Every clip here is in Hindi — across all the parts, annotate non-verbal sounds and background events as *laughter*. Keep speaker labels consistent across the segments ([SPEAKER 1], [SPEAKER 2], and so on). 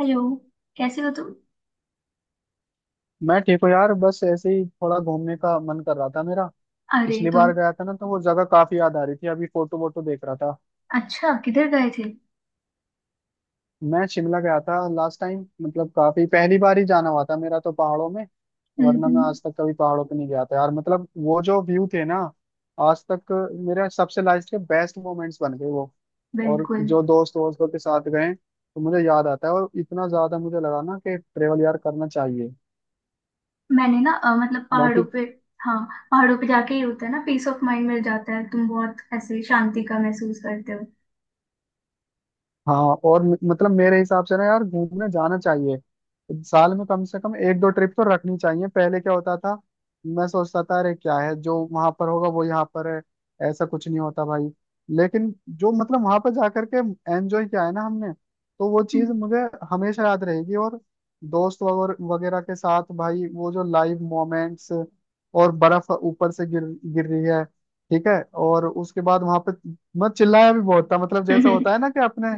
[SPEAKER 1] हेलो। कैसे हो तुम।
[SPEAKER 2] मैं ठीक हूँ यार, बस ऐसे ही थोड़ा घूमने का मन कर रहा था मेरा।
[SPEAKER 1] अरे
[SPEAKER 2] पिछली
[SPEAKER 1] तुम।
[SPEAKER 2] बार गया था ना तो वो जगह काफी याद आ रही थी, अभी फोटो वोटो देख रहा था।
[SPEAKER 1] अच्छा किधर गए थे।
[SPEAKER 2] मैं शिमला गया था लास्ट टाइम, मतलब काफी पहली बार ही जाना हुआ था मेरा तो पहाड़ों में।
[SPEAKER 1] हम्म,
[SPEAKER 2] वरना मैं
[SPEAKER 1] हम्म।
[SPEAKER 2] आज तक कभी पहाड़ों पे नहीं गया था यार। मतलब वो जो व्यू थे ना, आज तक मेरे सबसे लाइफ के बेस्ट मोमेंट्स बन गए वो। और
[SPEAKER 1] बिल्कुल।
[SPEAKER 2] जो दोस्त दोस्तों के साथ गए तो मुझे याद आता है, और इतना ज्यादा मुझे लगा ना कि ट्रेवल यार करना चाहिए
[SPEAKER 1] मैंने ना मतलब पहाड़ों
[SPEAKER 2] बाकी।
[SPEAKER 1] पे। हाँ। पहाड़ों पे जाके ही होता है ना, पीस ऑफ माइंड मिल जाता है। तुम बहुत ऐसे शांति का महसूस करते हो।
[SPEAKER 2] हाँ। और मतलब मेरे हिसाब से ना यार घूमने जाना चाहिए। साल में कम से कम एक दो ट्रिप तो रखनी चाहिए। पहले क्या होता था, मैं सोचता था अरे क्या है जो वहां पर होगा वो यहाँ पर है। ऐसा कुछ नहीं होता भाई। लेकिन जो मतलब वहां पर जाकर के एंजॉय किया है ना हमने, तो वो चीज मुझे हमेशा याद रहेगी। और दोस्त वगैरह के साथ भाई वो जो लाइव मोमेंट्स, और बर्फ ऊपर से गिर गिर रही है, ठीक है। और उसके बाद वहां पे मैं चिल्लाया भी बहुत था, मतलब जैसा
[SPEAKER 1] हम्म।
[SPEAKER 2] होता है ना कि अपने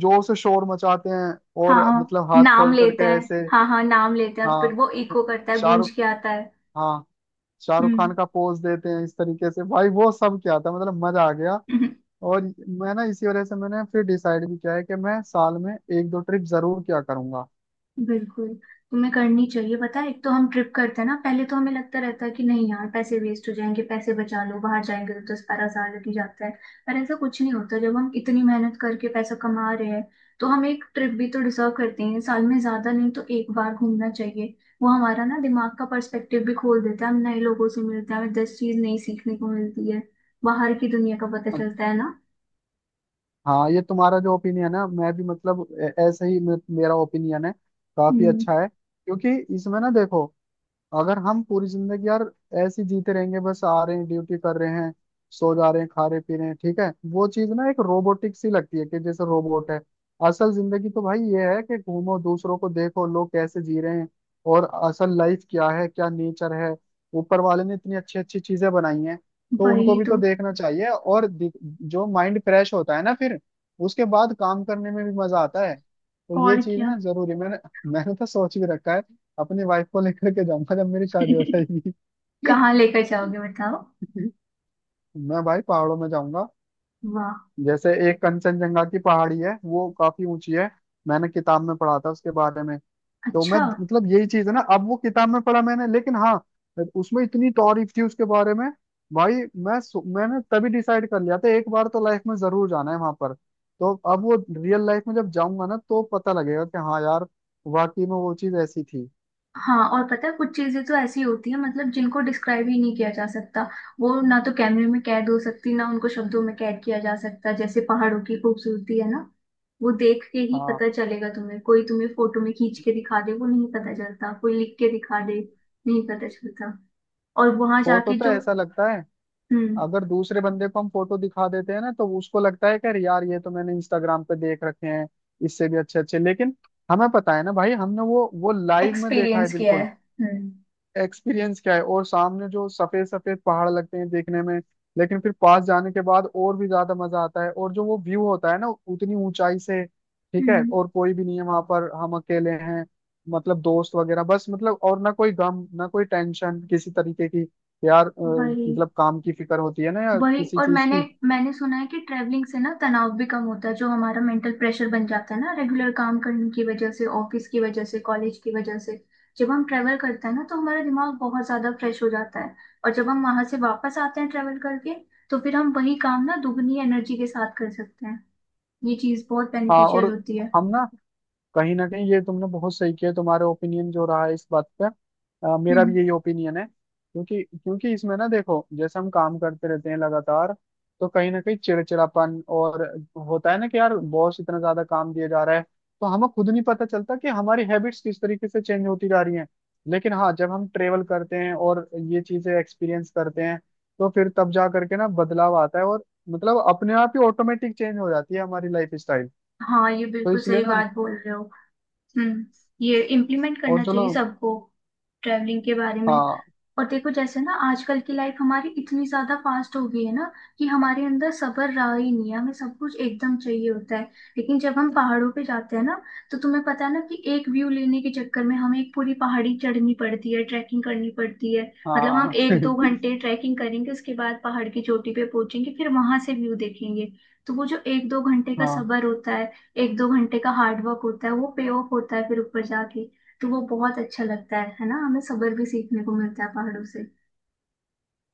[SPEAKER 2] जोर से शोर मचाते हैं।
[SPEAKER 1] *laughs*
[SPEAKER 2] और
[SPEAKER 1] हाँ।
[SPEAKER 2] मतलब हाथ
[SPEAKER 1] नाम
[SPEAKER 2] खोल करके
[SPEAKER 1] लेते हैं।
[SPEAKER 2] ऐसे,
[SPEAKER 1] हाँ, हाँ, नाम लेते हैं फिर
[SPEAKER 2] हाँ,
[SPEAKER 1] वो इको करता है, गूंज
[SPEAKER 2] शाहरुख,
[SPEAKER 1] के आता है।
[SPEAKER 2] हाँ, शाहरुख खान
[SPEAKER 1] हम्म।
[SPEAKER 2] का पोज देते हैं इस तरीके से भाई। वो सब क्या था, मतलब मजा आ गया।
[SPEAKER 1] *laughs*
[SPEAKER 2] और मैं ना इसी वजह से मैंने फिर डिसाइड भी किया है कि मैं साल में एक दो ट्रिप जरूर क्या करूंगा।
[SPEAKER 1] बिल्कुल। तुम्हें करनी चाहिए। पता है, एक तो हम ट्रिप करते हैं ना, पहले तो हमें लगता रहता है कि नहीं यार, पैसे वेस्ट हो जाएंगे, पैसे बचा लो, बाहर जाएंगे तो 10-12 हज़ार लग ही जाता है। पर ऐसा कुछ नहीं होता, जब हम इतनी मेहनत करके पैसा कमा रहे हैं तो हम एक ट्रिप भी तो डिजर्व करते हैं साल में, ज्यादा नहीं तो एक बार घूमना चाहिए। वो हमारा ना दिमाग का पर्सपेक्टिव भी खोल देता है, हम नए लोगों से मिलते हैं, हमें 10 चीज नई सीखने को मिलती है। बाहर की दुनिया का पता चलता है ना।
[SPEAKER 2] हाँ, ये तुम्हारा जो ओपिनियन है, मैं भी मतलब ऐसे ही मेरा ओपिनियन है, काफी
[SPEAKER 1] हम्म।
[SPEAKER 2] अच्छा है। क्योंकि इसमें ना देखो, अगर हम पूरी जिंदगी यार ऐसे ही जीते रहेंगे, बस आ रहे हैं, ड्यूटी कर रहे हैं, सो जा रहे हैं, खा रहे पी रहे हैं, ठीक है, वो चीज ना एक रोबोटिक सी लगती है कि जैसे रोबोट है। असल जिंदगी तो भाई ये है कि घूमो, दूसरों को देखो लोग कैसे जी रहे हैं, और असल लाइफ क्या है, क्या नेचर है। ऊपर वाले ने इतनी अच्छी अच्छी चीजें बनाई हैं, तो उनको
[SPEAKER 1] वही
[SPEAKER 2] भी तो
[SPEAKER 1] तो।
[SPEAKER 2] देखना चाहिए। और जो माइंड फ्रेश होता है ना फिर, उसके बाद काम करने में भी मजा आता है। तो ये
[SPEAKER 1] और
[SPEAKER 2] चीज
[SPEAKER 1] क्या।
[SPEAKER 2] ना जरूरी, मैंने मैंने तो सोच भी रखा है, अपनी वाइफ को लेकर के जाऊंगा जब मेरी शादी हो
[SPEAKER 1] *laughs*
[SPEAKER 2] जाएगी। *laughs*
[SPEAKER 1] कहाँ लेकर जाओगे, बताओ।
[SPEAKER 2] मैं भाई पहाड़ों में जाऊंगा।
[SPEAKER 1] वाह।
[SPEAKER 2] जैसे एक कंचनजंगा की पहाड़ी है, वो काफी ऊंची है, मैंने किताब में पढ़ा था उसके बारे में। तो मैं
[SPEAKER 1] अच्छा।
[SPEAKER 2] मतलब यही चीज है ना, अब वो किताब में पढ़ा मैंने, लेकिन हाँ, उसमें इतनी तारीफ थी उसके बारे में भाई। मैं मैंने तभी डिसाइड कर लिया था, एक बार तो लाइफ में जरूर जाना है वहां पर। तो अब वो रियल लाइफ में जब जाऊंगा ना, तो पता लगेगा कि हाँ यार, वाकई में वो चीज ऐसी थी।
[SPEAKER 1] हाँ, और पता है कुछ चीजें तो ऐसी होती है मतलब जिनको डिस्क्राइब ही नहीं किया जा सकता। वो ना तो कैमरे में कैद हो सकती, ना उनको शब्दों में कैद किया जा सकता, जैसे पहाड़ों की खूबसूरती है ना। वो देख के ही
[SPEAKER 2] हाँ,
[SPEAKER 1] पता चलेगा तुम्हें, कोई तुम्हें फोटो में खींच के दिखा दे, वो नहीं पता चलता, कोई लिख के दिखा दे। नहीं पता चलता। और वहां
[SPEAKER 2] फोटो
[SPEAKER 1] जाके
[SPEAKER 2] तो
[SPEAKER 1] जो।
[SPEAKER 2] ऐसा लगता है,
[SPEAKER 1] हम्म।
[SPEAKER 2] अगर दूसरे बंदे को हम फोटो दिखा देते हैं ना तो उसको लगता है कि अरे यार, ये तो मैंने इंस्टाग्राम पे देख रखे हैं, इससे भी अच्छे अच्छे। लेकिन हमें पता है ना भाई, हमने वो लाइव में देखा है।
[SPEAKER 1] एक्सपीरियंस किया है।
[SPEAKER 2] बिल्कुल
[SPEAKER 1] हम्म,
[SPEAKER 2] एक्सपीरियंस क्या है। और सामने जो सफेद सफेद पहाड़ लगते हैं देखने में, लेकिन फिर पास जाने के बाद और भी ज्यादा मजा आता है। और जो वो व्यू होता है ना, उतनी ऊंचाई से, ठीक है,
[SPEAKER 1] हम्म।
[SPEAKER 2] और कोई भी नहीं है वहां पर, हम अकेले हैं, मतलब दोस्त वगैरह बस। मतलब और ना कोई गम, ना कोई टेंशन किसी तरीके की यार।
[SPEAKER 1] वही।
[SPEAKER 2] मतलब काम की फिक्र होती है ना, या
[SPEAKER 1] वही।
[SPEAKER 2] किसी
[SPEAKER 1] और
[SPEAKER 2] चीज
[SPEAKER 1] मैंने
[SPEAKER 2] की।
[SPEAKER 1] मैंने सुना है कि ट्रैवलिंग से ना तनाव भी कम होता है, जो हमारा मेंटल प्रेशर बन जाता है ना रेगुलर काम करने की वजह से, ऑफिस की वजह से, कॉलेज की वजह से। जब हम ट्रैवल करते हैं ना, तो हमारा दिमाग बहुत ज्यादा फ्रेश हो जाता है। और जब हम वहां से वापस आते हैं ट्रैवल करके, तो फिर हम वही काम ना दुगनी एनर्जी के साथ कर सकते हैं। ये चीज बहुत
[SPEAKER 2] हाँ। और
[SPEAKER 1] बेनिफिशियल होती है।
[SPEAKER 2] हम ना कहीं ना कहीं, ये तुमने बहुत सही किया, तुम्हारा ओपिनियन जो रहा है इस बात पे, मेरा
[SPEAKER 1] हम्म।
[SPEAKER 2] भी यही ओपिनियन है। क्योंकि क्योंकि इसमें ना देखो, जैसे हम काम करते रहते हैं लगातार, तो कहीं ना कहीं चिड़चिड़ापन और होता है ना कि यार बॉस इतना ज्यादा काम दिया जा रहा है। तो हमें खुद नहीं पता चलता कि हमारी हैबिट्स किस तरीके से चेंज होती जा रही हैं। लेकिन हाँ जब हम ट्रेवल करते हैं और ये चीजें एक्सपीरियंस करते हैं, तो फिर तब जा करके ना बदलाव आता है। और मतलब अपने आप ही ऑटोमेटिक चेंज हो जाती है हमारी लाइफ स्टाइल।
[SPEAKER 1] हाँ, ये
[SPEAKER 2] तो
[SPEAKER 1] बिल्कुल
[SPEAKER 2] इसलिए
[SPEAKER 1] सही
[SPEAKER 2] ना,
[SPEAKER 1] बात बोल रहे हो। हम्म। ये इम्प्लीमेंट करना
[SPEAKER 2] और चलो,
[SPEAKER 1] चाहिए सबको। ट्रैवलिंग के बारे में।
[SPEAKER 2] हाँ,
[SPEAKER 1] और देखो, जैसे ना आजकल की लाइफ हमारी इतनी ज्यादा फास्ट हो गई है ना, कि हमारे अंदर सब्र रहा ही नहीं है, हमें सब कुछ एकदम चाहिए होता है। लेकिन जब हम पहाड़ों पे जाते हैं ना, तो तुम्हें पता है ना कि एक व्यू लेने के चक्कर में हमें एक पूरी पहाड़ी चढ़नी पड़ती है, ट्रैकिंग करनी पड़ती है। मतलब हम
[SPEAKER 2] हाँ,
[SPEAKER 1] एक दो
[SPEAKER 2] *laughs*
[SPEAKER 1] घंटे ट्रैकिंग करेंगे, उसके बाद पहाड़ की चोटी पे पहुंचेंगे, फिर वहां से व्यू देखेंगे। तो वो जो 1-2 घंटे का
[SPEAKER 2] हाँ।
[SPEAKER 1] सब्र होता है, 1-2 घंटे का हार्ड वर्क होता है, वो पे ऑफ होता है फिर ऊपर जाके। तो वो बहुत अच्छा लगता है ना, हमें सब्र भी सीखने को मिलता है पहाड़ों से।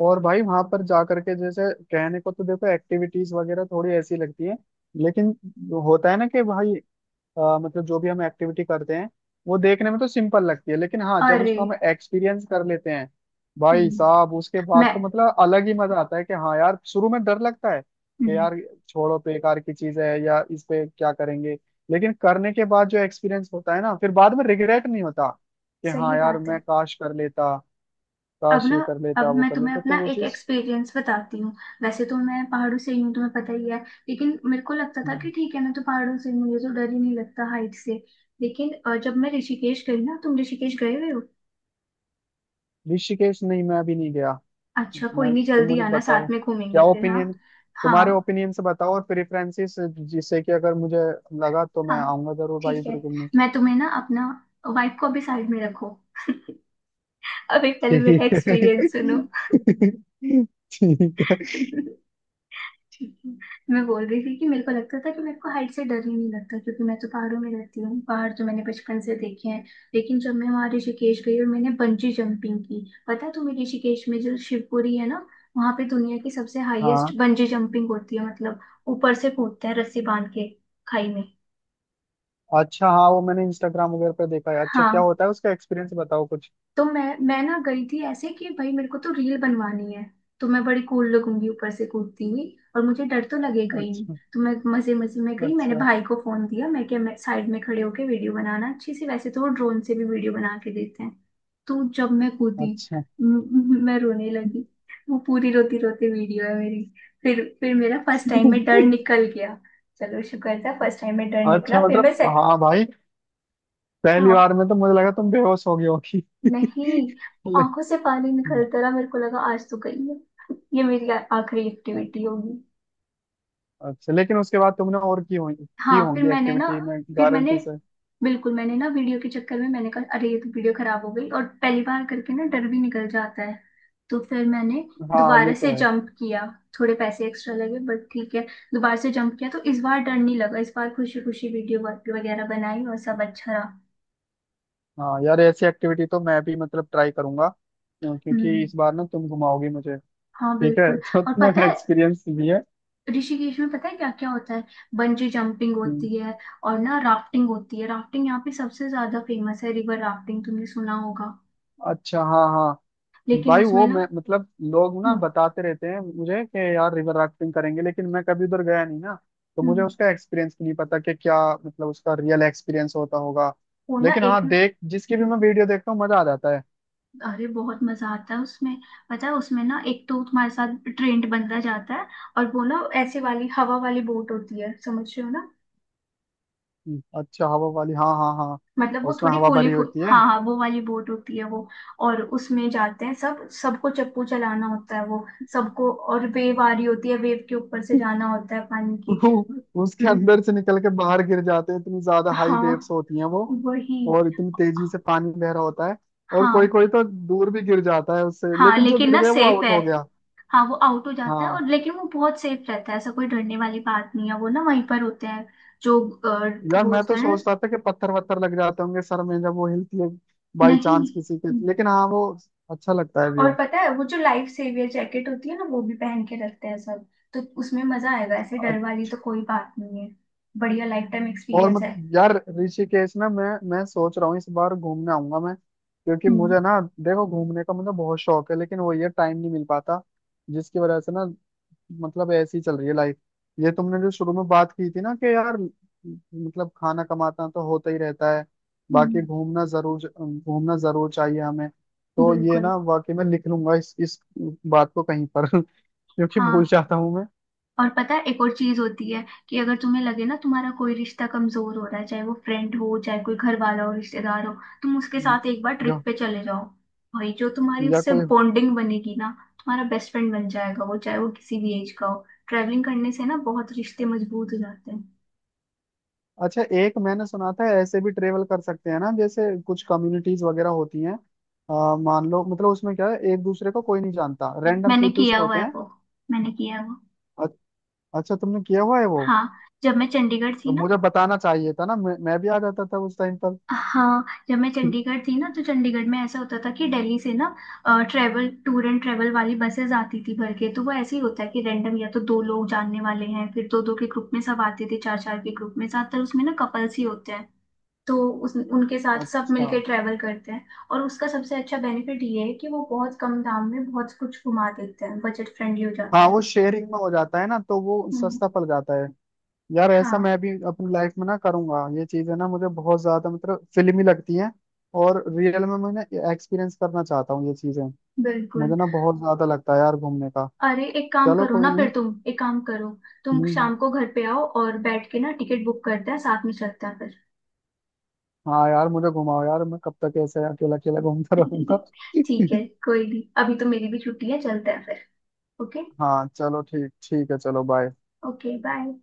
[SPEAKER 2] और भाई वहां पर जा करके, जैसे कहने को तो देखो एक्टिविटीज वगैरह थोड़ी ऐसी लगती है, लेकिन होता है ना कि भाई, मतलब जो भी हम एक्टिविटी करते हैं, वो देखने में तो सिंपल लगती है, लेकिन हाँ जब
[SPEAKER 1] अरे।
[SPEAKER 2] उसको हम एक्सपीरियंस कर लेते हैं, भाई
[SPEAKER 1] हम्म।
[SPEAKER 2] साहब उसके बाद तो
[SPEAKER 1] मैं।
[SPEAKER 2] मतलब अलग ही मजा आता है। कि हाँ यार, शुरू में डर लगता है कि
[SPEAKER 1] हम्म।
[SPEAKER 2] यार छोड़ो, बेकार की चीज है, या इस पे क्या करेंगे। लेकिन करने के बाद जो एक्सपीरियंस होता है ना, फिर बाद में रिग्रेट नहीं होता कि हाँ
[SPEAKER 1] सही
[SPEAKER 2] यार,
[SPEAKER 1] बात
[SPEAKER 2] मैं
[SPEAKER 1] है।
[SPEAKER 2] काश कर लेता,
[SPEAKER 1] अब
[SPEAKER 2] काश
[SPEAKER 1] ना।
[SPEAKER 2] ये कर
[SPEAKER 1] अब
[SPEAKER 2] लेता वो
[SPEAKER 1] मैं
[SPEAKER 2] कर
[SPEAKER 1] तुम्हें
[SPEAKER 2] लेता, तो
[SPEAKER 1] अपना
[SPEAKER 2] वो
[SPEAKER 1] एक
[SPEAKER 2] चीज।
[SPEAKER 1] एक्सपीरियंस बताती हूँ। वैसे तो मैं पहाड़ों से ही हूँ, तुम्हें पता ही है। लेकिन मेरे को लगता था कि ठीक है ना, तो पहाड़ों से मुझे तो डर ही नहीं लगता हाइट से। लेकिन जब मैं ऋषिकेश गई ना, तुम ऋषिकेश गए हुए हो?
[SPEAKER 2] ऋषिकेश नहीं, मैं अभी नहीं गया।
[SPEAKER 1] अच्छा, कोई
[SPEAKER 2] मैं
[SPEAKER 1] नहीं,
[SPEAKER 2] तुम
[SPEAKER 1] जल्दी
[SPEAKER 2] मुझे
[SPEAKER 1] आना
[SPEAKER 2] बताओ,
[SPEAKER 1] साथ में घूमेंगे
[SPEAKER 2] क्या
[SPEAKER 1] फिर, हाँ।
[SPEAKER 2] ओपिनियन,
[SPEAKER 1] हाँ,
[SPEAKER 2] तुम्हारे ओपिनियन से बताओ और प्रेफरेंसेस, जिससे कि अगर मुझे लगा तो मैं
[SPEAKER 1] हाँ।
[SPEAKER 2] आऊंगा जरूर भाई
[SPEAKER 1] ठीक है।
[SPEAKER 2] इधर घूमने।
[SPEAKER 1] मैं तुम्हें ना अपना। वाइफ को अभी साइड में रखो। अभी पहले
[SPEAKER 2] ठीक
[SPEAKER 1] मेरा एक्सपीरियंस सुनो।
[SPEAKER 2] है। *laughs* ठीक है।
[SPEAKER 1] ठीक है। मैं बोल रही थी कि मेरे को लगता था कि मेरे को हाइट से डर ही नहीं लगता, क्योंकि मैं तो पहाड़ों में रहती हूँ, पहाड़ तो मैंने बचपन से देखे हैं। लेकिन जब मैं वहाँ ऋषिकेश गई और मैंने बंजी जंपिंग की, पता है तुम्हें, ऋषिकेश में जो शिवपुरी है ना, वहाँ पे दुनिया की सबसे हाईएस्ट
[SPEAKER 2] हाँ।
[SPEAKER 1] बंजी जंपिंग होती है मतलब। ऊपर से कूदते हैं रस्सी बांध के, खाई में।
[SPEAKER 2] अच्छा, हाँ वो मैंने इंस्टाग्राम वगैरह पर देखा है। अच्छा क्या
[SPEAKER 1] हाँ।
[SPEAKER 2] होता है, उसका एक्सपीरियंस बताओ कुछ।
[SPEAKER 1] तो मैं ना गई थी ऐसे कि भाई मेरे को तो रील बनवानी है, तो मैं बड़ी कूल लगूंगी ऊपर से कूदती हुई, और मुझे डर तो लगेगा ही नहीं।
[SPEAKER 2] अच्छा।
[SPEAKER 1] तो मैं मजे मजे में गई, मैंने
[SPEAKER 2] अच्छा।
[SPEAKER 1] भाई को फोन दिया, मैं क्या, मैं साइड में खड़े होके वीडियो बनाना अच्छी सी, वैसे तो वो ड्रोन से भी वीडियो बना के देते हैं। तो जब मैं कूदी,
[SPEAKER 2] अच्छा।
[SPEAKER 1] मैं रोने लगी, वो पूरी रोती रोती वीडियो है मेरी। फिर मेरा फर्स्ट टाइम में डर
[SPEAKER 2] *laughs*
[SPEAKER 1] निकल गया। चलो, शुक्र था फर्स्ट टाइम में डर निकला,
[SPEAKER 2] अच्छा,
[SPEAKER 1] फिर
[SPEAKER 2] मतलब
[SPEAKER 1] मैं।
[SPEAKER 2] हाँ भाई, पहली
[SPEAKER 1] सेट।
[SPEAKER 2] बार में तो मुझे लगा तुम बेहोश हो गई होगी। *laughs*
[SPEAKER 1] नहीं। आंखों से पानी
[SPEAKER 2] लेकिन
[SPEAKER 1] निकलता रहा, मेरे को लगा आज तो गई है, ये मेरी आखिरी एक्टिविटी होगी।
[SPEAKER 2] अच्छा, लेकिन उसके बाद तुमने और की होंगी, की
[SPEAKER 1] हाँ फिर
[SPEAKER 2] होंगी
[SPEAKER 1] मैंने ना,
[SPEAKER 2] एक्टिविटी में
[SPEAKER 1] फिर मैंने,
[SPEAKER 2] गारंटी से।
[SPEAKER 1] बिल्कुल मैंने ना वीडियो के चक्कर में मैंने कहा अरे, ये तो वीडियो खराब हो गई, और पहली बार करके ना डर भी निकल जाता है। तो फिर मैंने
[SPEAKER 2] हाँ
[SPEAKER 1] दोबारा
[SPEAKER 2] ये
[SPEAKER 1] से
[SPEAKER 2] तो है।
[SPEAKER 1] जंप किया, थोड़े पैसे एक्स्ट्रा लगे बट ठीक है। दोबारा से जंप किया तो इस बार डर नहीं लगा, इस बार खुशी खुशी वीडियो वगैरह बनाई और सब अच्छा रहा।
[SPEAKER 2] हाँ यार, ऐसी एक्टिविटी तो मैं भी मतलब ट्राई करूंगा, क्योंकि
[SPEAKER 1] हम्म।
[SPEAKER 2] इस बार ना तुम घुमाओगी मुझे।
[SPEAKER 1] हाँ
[SPEAKER 2] ठीक है।
[SPEAKER 1] बिल्कुल।
[SPEAKER 2] *laughs* तो
[SPEAKER 1] और
[SPEAKER 2] तुम्हें
[SPEAKER 1] पता है,
[SPEAKER 2] एक्सपीरियंस भी है।
[SPEAKER 1] ऋषिकेश में पता है क्या क्या होता है, बंजी जंपिंग
[SPEAKER 2] हम्म,
[SPEAKER 1] होती है और ना राफ्टिंग होती है, राफ्टिंग यहाँ पे सबसे ज्यादा फेमस है, रिवर राफ्टिंग तुमने सुना होगा।
[SPEAKER 2] अच्छा हाँ हाँ,
[SPEAKER 1] लेकिन
[SPEAKER 2] भाई
[SPEAKER 1] उसमें
[SPEAKER 2] वो
[SPEAKER 1] ना।
[SPEAKER 2] मैं मतलब लोग ना
[SPEAKER 1] हम्म।
[SPEAKER 2] बताते रहते हैं मुझे कि यार रिवर राफ्टिंग करेंगे, लेकिन मैं कभी उधर गया नहीं ना। तो मुझे
[SPEAKER 1] हम्म।
[SPEAKER 2] उसका एक्सपीरियंस भी नहीं पता कि क्या मतलब उसका रियल एक्सपीरियंस होता होगा।
[SPEAKER 1] वो ना
[SPEAKER 2] लेकिन
[SPEAKER 1] एक।
[SPEAKER 2] हाँ, देख जिसकी भी मैं वीडियो देखता हूँ मजा आ जाता है।
[SPEAKER 1] अरे बहुत मजा आता है उसमें, पता है उसमें ना, एक तो तुम्हारे साथ ट्रेंड बंदा जाता है, और वो ना ऐसे वाली हवा वाली बोट होती है, समझ रहे हो ना?
[SPEAKER 2] अच्छा, हवा वाली, हाँ हाँ हाँ,
[SPEAKER 1] मतलब वो
[SPEAKER 2] उसमें
[SPEAKER 1] थोड़ी
[SPEAKER 2] हवा
[SPEAKER 1] फूली
[SPEAKER 2] भरी
[SPEAKER 1] फूल,
[SPEAKER 2] होती है।
[SPEAKER 1] हाँ हाँ, वो वाली बोट होती है वो, और उसमें जाते हैं सब, सबको चप्पू चलाना होता है वो सबको, और वेव आ रही होती है, वेव के ऊपर से जाना होता है पानी की।
[SPEAKER 2] *laughs* उसके
[SPEAKER 1] हम्म।
[SPEAKER 2] अंदर से निकल के बाहर गिर जाते हैं, इतनी ज्यादा हाई वेव्स
[SPEAKER 1] हाँ।
[SPEAKER 2] होती हैं वो।
[SPEAKER 1] वही।
[SPEAKER 2] और इतनी तेजी से पानी बह रहा होता है, और कोई
[SPEAKER 1] हाँ,
[SPEAKER 2] कोई तो दूर भी गिर जाता है उससे,
[SPEAKER 1] हाँ,
[SPEAKER 2] लेकिन जो
[SPEAKER 1] लेकिन
[SPEAKER 2] गिर
[SPEAKER 1] ना
[SPEAKER 2] गया वो
[SPEAKER 1] सेफ है।
[SPEAKER 2] आउट हो गया।
[SPEAKER 1] हाँ, वो आउट हो जाता है
[SPEAKER 2] हाँ।
[SPEAKER 1] और, लेकिन वो बहुत सेफ रहता है, ऐसा कोई डरने वाली बात नहीं है, वो ना वहीं पर होते हैं, जो
[SPEAKER 2] यार
[SPEAKER 1] वो
[SPEAKER 2] मैं तो
[SPEAKER 1] होता है
[SPEAKER 2] सोचता था कि पत्थर वत्थर लग जाते होंगे सर में जब वो हिलती है,
[SPEAKER 1] ना।
[SPEAKER 2] बाई चांस किसी के।
[SPEAKER 1] नहीं।
[SPEAKER 2] लेकिन हाँ वो अच्छा लगता है
[SPEAKER 1] और
[SPEAKER 2] व्यू।
[SPEAKER 1] पता है वो जो लाइफ सेवियर जैकेट होती है ना, वो भी पहन के रखते हैं सब, तो उसमें मजा आएगा, ऐसे डर वाली तो कोई बात नहीं है, बढ़िया लाइफ टाइम
[SPEAKER 2] और
[SPEAKER 1] एक्सपीरियंस
[SPEAKER 2] मत,
[SPEAKER 1] है।
[SPEAKER 2] यार ऋषिकेश ना, मैं सोच रहा हूँ इस बार घूमने आऊंगा मैं, क्योंकि
[SPEAKER 1] हम्म।
[SPEAKER 2] मुझे ना देखो घूमने का मुझे बहुत शौक है, लेकिन वो ये टाइम नहीं मिल पाता, जिसकी वजह से ना, मतलब ऐसी चल रही है लाइफ। ये तुमने जो शुरू में बात की थी ना कि यार मतलब, खाना कमाता तो होता ही रहता है
[SPEAKER 1] हम्म।
[SPEAKER 2] बाकी, घूमना जरूर, घूमना जरूर चाहिए हमें। तो ये
[SPEAKER 1] बिल्कुल।
[SPEAKER 2] ना वाकई में लिख लूंगा इस बात को कहीं पर। *laughs* क्योंकि भूल
[SPEAKER 1] हाँ,
[SPEAKER 2] जाता हूँ मैं।
[SPEAKER 1] और पता है एक और चीज होती है कि अगर तुम्हें लगे ना तुम्हारा कोई रिश्ता कमजोर हो रहा है, चाहे वो फ्रेंड हो, चाहे कोई घर वाला हो, रिश्तेदार हो, तुम उसके
[SPEAKER 2] हम्म,
[SPEAKER 1] साथ एक बार ट्रिप
[SPEAKER 2] या,
[SPEAKER 1] पे चले जाओ। भाई जो तुम्हारी
[SPEAKER 2] या
[SPEAKER 1] उससे
[SPEAKER 2] कोई,
[SPEAKER 1] बॉन्डिंग बनेगी ना, तुम्हारा बेस्ट फ्रेंड बन जाएगा वो, चाहे वो किसी भी एज का हो, ट्रैवलिंग करने से ना बहुत रिश्ते मजबूत हो जाते हैं।
[SPEAKER 2] अच्छा एक मैंने सुना था ऐसे भी ट्रेवल कर सकते हैं ना, जैसे कुछ कम्युनिटीज वगैरह होती हैं, मान लो मतलब, उसमें क्या है, एक दूसरे को कोई नहीं जानता, रैंडम
[SPEAKER 1] मैंने
[SPEAKER 2] पीपल्स
[SPEAKER 1] किया हुआ
[SPEAKER 2] होते
[SPEAKER 1] है
[SPEAKER 2] हैं।
[SPEAKER 1] वो। मैंने किया है वो।
[SPEAKER 2] अ- अच्छा, तुमने किया हुआ है वो?
[SPEAKER 1] हाँ जब मैं चंडीगढ़ थी
[SPEAKER 2] तो
[SPEAKER 1] ना।
[SPEAKER 2] मुझे बताना चाहिए था ना, मैं भी आ जाता था उस टाइम पर।
[SPEAKER 1] हाँ जब मैं चंडीगढ़ थी ना, तो चंडीगढ़ में ऐसा होता था कि दिल्ली से ना ट्रेवल टूर एंड ट्रेवल वाली बसेस आती थी भर के, तो वो ऐसे ही होता है कि रैंडम, या तो दो लोग जानने वाले हैं, फिर दो दो के ग्रुप में सब आते थे, चार चार के ग्रुप में, ज्यादातर उसमें ना कपल्स ही होते हैं। तो उस उनके साथ सब
[SPEAKER 2] अच्छा,
[SPEAKER 1] मिलके ट्रैवल करते हैं। और उसका सबसे अच्छा बेनिफिट ये है कि वो बहुत कम दाम में बहुत कुछ घुमा देते हैं, बजट फ्रेंडली हो जाता
[SPEAKER 2] हाँ वो
[SPEAKER 1] है।
[SPEAKER 2] शेयरिंग में हो जाता है ना तो वो
[SPEAKER 1] हम्म।
[SPEAKER 2] सस्ता पड़ जाता है। यार ऐसा
[SPEAKER 1] हाँ
[SPEAKER 2] मैं भी अपनी लाइफ में ना करूंगा, ये चीज है ना मुझे बहुत ज्यादा मतलब फिल्मी लगती है। और रियल में मैं एक्सपीरियंस करना चाहता हूँ ये चीजें।
[SPEAKER 1] बिल्कुल।
[SPEAKER 2] मुझे ना बहुत ज्यादा लगता है यार घूमने का।
[SPEAKER 1] अरे एक काम
[SPEAKER 2] चलो
[SPEAKER 1] करो
[SPEAKER 2] कोई
[SPEAKER 1] ना,
[SPEAKER 2] नहीं।
[SPEAKER 1] फिर तुम एक काम करो, तुम
[SPEAKER 2] हम्म,
[SPEAKER 1] शाम को घर पे आओ और बैठ के ना टिकट बुक करते हैं, साथ में चलते हैं फिर।
[SPEAKER 2] हाँ यार मुझे घुमाओ यार, मैं कब तक ऐसे अकेला अकेला घूमता रहूंगा।
[SPEAKER 1] *laughs* ठीक
[SPEAKER 2] *laughs*
[SPEAKER 1] है, कोई नहीं, अभी तो मेरी भी छुट्टी है, चलते हैं फिर। ओके।
[SPEAKER 2] हाँ चलो, ठीक, ठीक है, चलो बाय।
[SPEAKER 1] Okay bye.